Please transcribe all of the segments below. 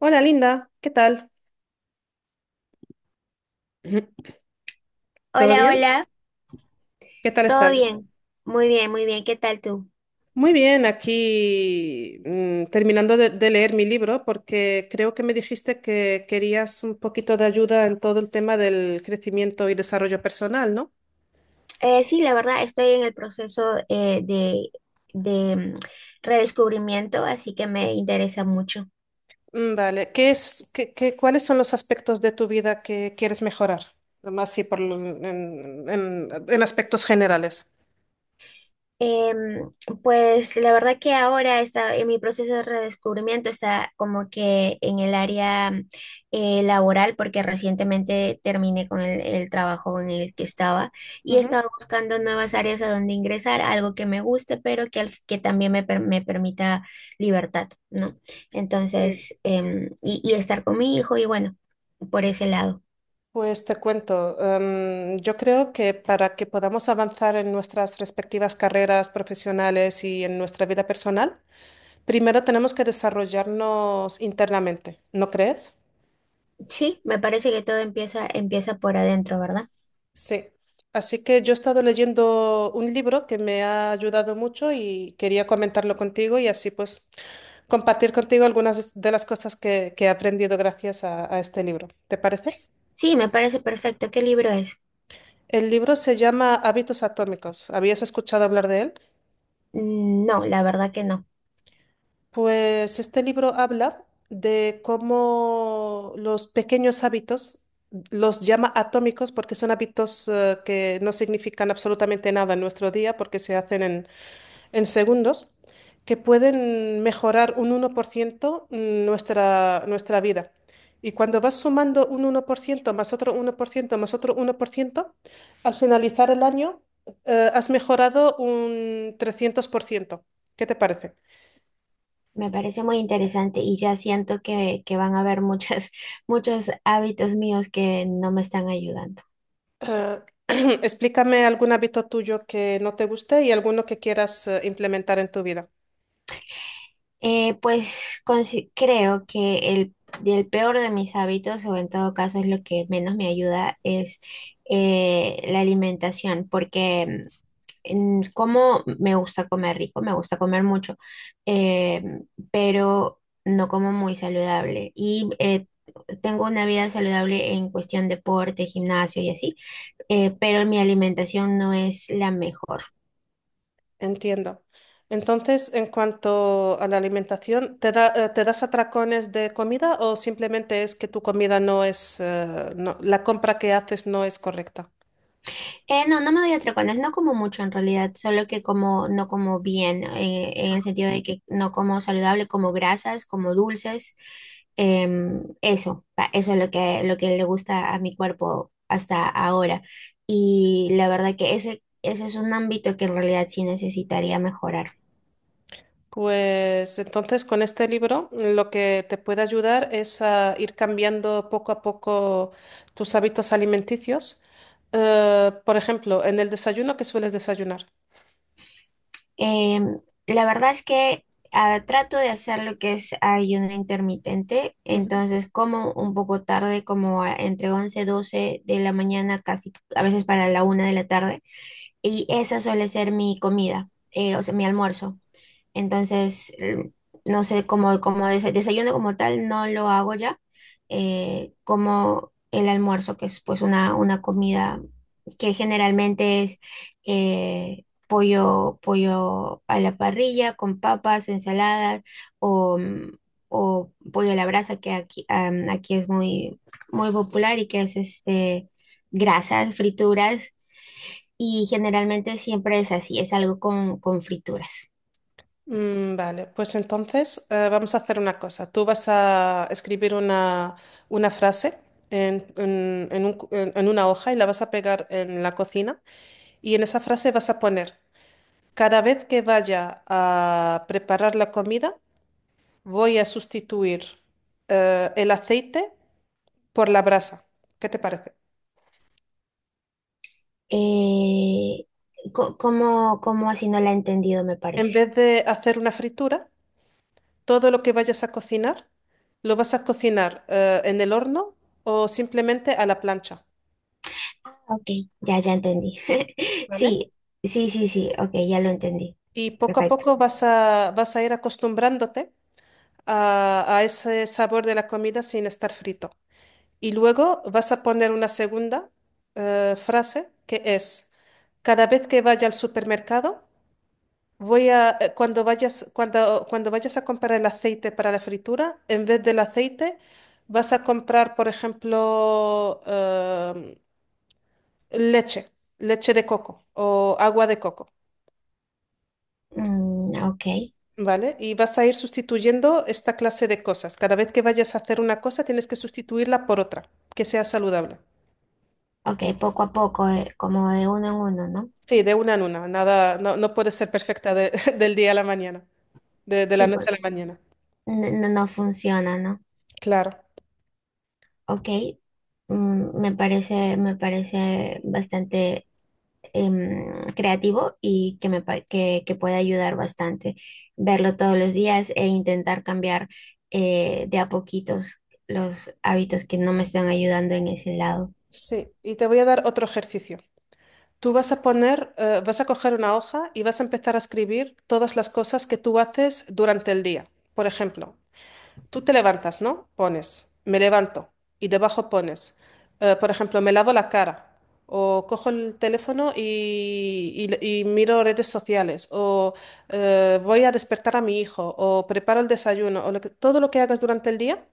Hola Linda, ¿qué tal? Ujú. ¿Todo Hola, bien? hola, ¿Qué tal ¿todo estás? bien? Muy bien, muy bien, ¿qué tal tú? Muy bien, aquí terminando de leer mi libro porque creo que me dijiste que querías un poquito de ayuda en todo el tema del crecimiento y desarrollo personal, ¿no? Sí, la verdad, estoy en el proceso de, de redescubrimiento, así que me interesa mucho. Mm. Vale, ¿qué es, qué, qué- cuáles son los aspectos de tu vida que quieres mejorar? Más así por, lo- en aspectos generales. Em, pues la verdad que ahora está en mi proceso de redescubrimiento está como que en el área laboral porque recientemente terminé con el trabajo en el que estaba y he Ujú. estado buscando nuevas áreas a donde ingresar, algo que me guste pero que, que también me, me permita libertad, ¿no? Sí. Entonces, y estar con mi hijo y bueno, por ese lado. Pues te cuento, yo creo que para que podamos avanzar en nuestras respectivas carreras profesionales y en nuestra vida personal, primero tenemos que desarrollarnos internamente, ¿no crees? Sí, me parece que todo empieza, empieza por adentro, ¿verdad? Sí. Así que yo he estado leyendo un libro que me ha ayudado mucho y quería comentarlo contigo y así pues compartir contigo algunas de las cosas que he aprendido gracias a este libro. ¿Te parece? Sí, me parece perfecto. ¿Qué libro es? El libro se llama Hábitos Atómicos. ¿Habías escuchado hablar de él? No, la verdad que no. Pues este libro habla de cómo los pequeños hábitos, los llama atómicos porque son hábitos que no significan absolutamente nada en nuestro día porque se hacen en segundos, que pueden mejorar un 1% , nuestra vida. Y cuando vas sumando un 1% más otro 1% más otro 1%, al finalizar el año, has mejorado un 300%. ¿Qué te parece? Me parece muy interesante y ya siento que van a haber muchos hábitos míos que no me están ayudando. Eh, Explícame algún hábito tuyo que no te guste y alguno que quieras implementar en tu vida. Pues creo que el peor de mis hábitos, o en todo caso es lo que menos me ayuda, es la alimentación, porque en como me gusta comer rico, me gusta comer mucho, eh, pero no como muy saludable. Y tengo una vida saludable en cuestión deporte, gimnasio y así, pero mi alimentación no es la mejor. Entiendo. Entonces, en cuanto a la alimentación, te das atracones de comida o simplemente es que tu comida no es, la compra que haces no es correcta? No, no me doy atracones, no como mucho en realidad, solo que como, no como bien, en el sentido de que no como saludable, como grasas, como dulces, eso, eso es lo que le gusta a mi cuerpo hasta ahora. Y la verdad que ese es un ámbito que en realidad sí necesitaría mejorar. Pues entonces con este libro lo que te puede ayudar es a ir cambiando poco a poco tus hábitos alimenticios. Por ejemplo, en el desayuno, ¿qué sueles desayunar? Em, la verdad es que trato de hacer lo que es ayuno intermitente, entonces como un poco tarde, como entre 11 12 de la mañana, casi a veces para la 1 de la tarde, y esa suele ser mi comida, o sea, mi almuerzo. Entonces, no sé, como desayuno como tal no lo hago ya, como el almuerzo, que es pues una comida que generalmente es pollo, pollo a la parrilla con papas, ensaladas o, o pollo a la brasa, que aquí, aquí es muy, muy popular y que es este, grasas, frituras. Y generalmente siempre es así, es algo con frituras. Mm. Vale, pues entonces vamos a hacer una cosa. Tú vas a escribir una frase en un cu- en una hoja y la vas a pegar en la cocina y en esa frase vas a poner, cada vez que vaya a preparar la comida, voy a sustituir el aceite por la brasa. ¿Qué te parece? Eh, ¿Cómo, cómo así? No la he entendido, me En parece. vez de hacer una fritura, todo lo que vayas a cocinar, lo vas a cocinar en el horno o simplemente a la plancha. Ok. Ya, ya entendí. ¿Vale? Sí, sí, sí, sí, ok, ya lo entendí. Y poco a Perfecto. poco vas a ir acostumbrándote a ese sabor de la comida sin estar frito. Y luego vas a poner una segunda frase que es, cada vez que vaya al supermercado, voy a, cuando vayas, cuando, cuando vayas a comprar el aceite para la fritura, en vez del aceite, vas a comprar, por ejemplo, leche, leche de coco o agua de coco. Mm, ok, ¿Vale? Y vas a ir sustituyendo esta clase de cosas. Cada vez que vayas a hacer una cosa, tienes que sustituirla por otra, que sea saludable. ok, poco a poco, como de uno en uno, ¿no? Sí, de una en una. Nada, no puede ser perfecta del día a la mañana, de la Sí, noche a porque la mañana. no, no funciona, ¿no? Claro. Ok, me parece bastante creativo y que que puede ayudar bastante verlo todos los días e intentar cambiar de a poquitos los hábitos que no me están ayudando en ese lado. Sí, y te voy a dar otro ejercicio. Tú vas a coger una hoja y vas a empezar a escribir todas las cosas que tú haces durante el día. Por ejemplo, tú te levantas, ¿no? Pones, me levanto y debajo pones, por ejemplo, me lavo la cara o cojo el teléfono y miro redes sociales o voy a despertar a mi hijo o preparo el desayuno o todo lo que hagas durante el día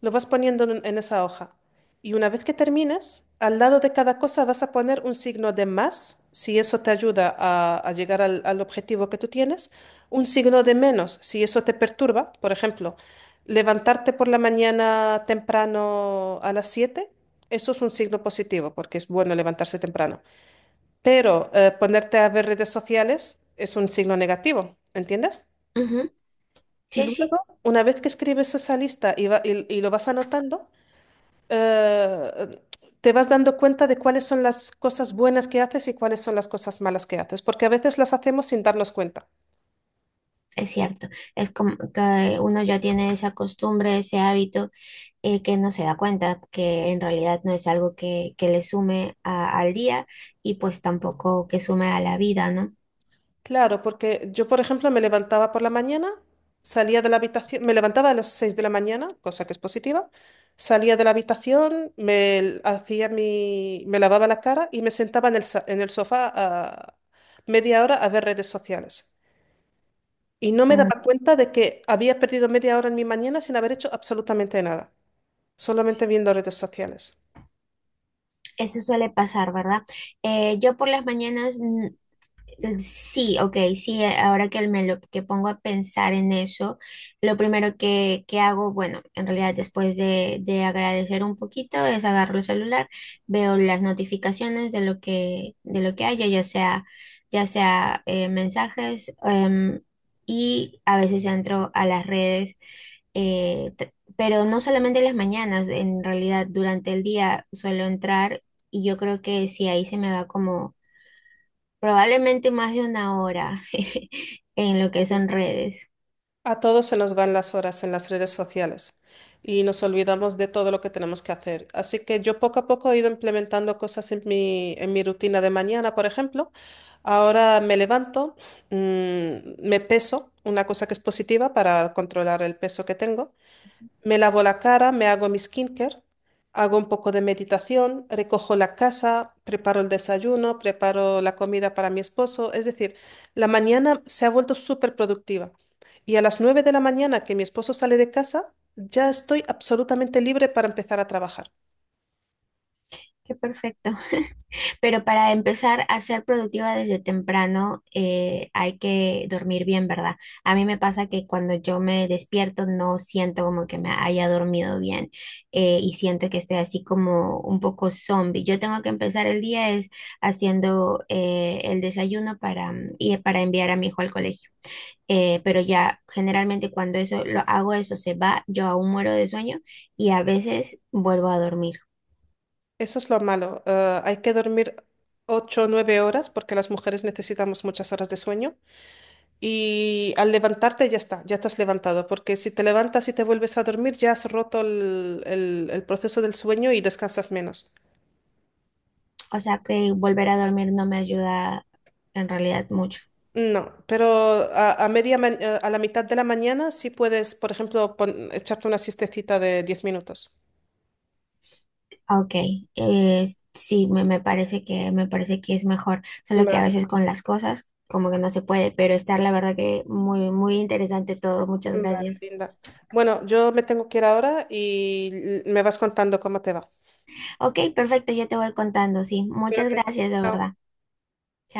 lo vas poniendo en esa hoja. Y una vez que termines, al lado de cada cosa vas a poner un signo de más, si eso te ayuda a llegar al objetivo que tú tienes, un signo de menos, si eso te perturba. Por ejemplo, levantarte por la mañana temprano a las 7, eso es un signo positivo, porque es bueno levantarse temprano. Pero ponerte a ver redes sociales es un signo negativo, ¿entiendes? Ujú, Y sí, sí, luego, una vez que escribes esa lista y lo vas anotando, eh, te vas dando cuenta de cuáles son las cosas buenas que haces y cuáles son las cosas malas que haces, porque a veces las hacemos sin darnos cuenta. es cierto. Es como que uno ya tiene esa costumbre, ese hábito, que no se da cuenta que en realidad no es algo que le sume al día y pues tampoco que sume a la vida, ¿no? Claro, porque yo, por ejemplo, me levantaba por la mañana, salía de la habitación, me levantaba a las 6 de la mañana, cosa que es positiva, salía de la habitación, me l- hacía mi, me lavaba la cara y me sentaba en el sofá a media hora a ver redes sociales. Y no me daba Mm, cuenta de que había perdido media hora en mi mañana sin haber hecho absolutamente nada, solamente viendo redes sociales. Eso suele pasar, ¿verdad? Yo por las mañanas Sí, ok, sí, ahora que me lo que pongo a pensar en eso, lo primero que hago, bueno, en realidad después de agradecer un poquito es agarro el celular, veo las notificaciones de lo que haya, ya sea mensajes, y a veces entro a las redes pero no solamente en las mañanas, en realidad durante el día suelo entrar y yo creo que si ahí se me va como probablemente más de 1 hora en lo que son redes. A todos se nos van las horas en las redes sociales y nos olvidamos de todo lo que tenemos que hacer. Así que yo poco a poco he ido implementando cosas en mi rutina de mañana, por ejemplo. Ahora me levanto, me peso, una cosa que es positiva para controlar el peso que tengo. Me lavo la cara, me hago mi skincare, hago un poco de meditación, recojo la casa, preparo el desayuno, preparo la comida para mi esposo. Es decir, la mañana se ha vuelto súper productiva. Y a las 9 de la mañana que mi esposo sale de casa, ya estoy absolutamente libre para empezar a trabajar. Qué perfecto. Pero para empezar a ser productiva desde temprano, hay que dormir bien, ¿verdad? A mí me pasa que cuando yo me despierto no siento como que me haya dormido bien y siento que estoy así como un poco zombie. Yo tengo que empezar el día es haciendo el desayuno para, y para enviar a mi hijo al colegio. Pero ya generalmente cuando eso lo hago eso se va, yo aún muero de sueño y a veces vuelvo a dormir. Eso es lo malo. Hay que dormir 8 o 9 horas porque las mujeres necesitamos muchas horas de sueño. Y al levantarte ya está, ya estás levantado, porque si te levantas y te vuelves a dormir, ya has roto el proceso del sueño y descansas menos. O sea que volver a dormir no me ayuda en realidad mucho. No, pero a la mitad de la mañana sí puedes, por ejemplo, echarte una siestecita de 10 minutos. Ah, ok, eh, sí, me parece que es mejor, solo que a Vale, veces con las cosas como que no se puede, pero estar la verdad que muy muy interesante todo. Muchas vale, gracias. Linda. Bueno, yo me tengo que ir ahora y me vas contando cómo te va. Ok, perfecto, yo te voy contando, sí. Muchas Cuídate. gracias, de Chao. verdad.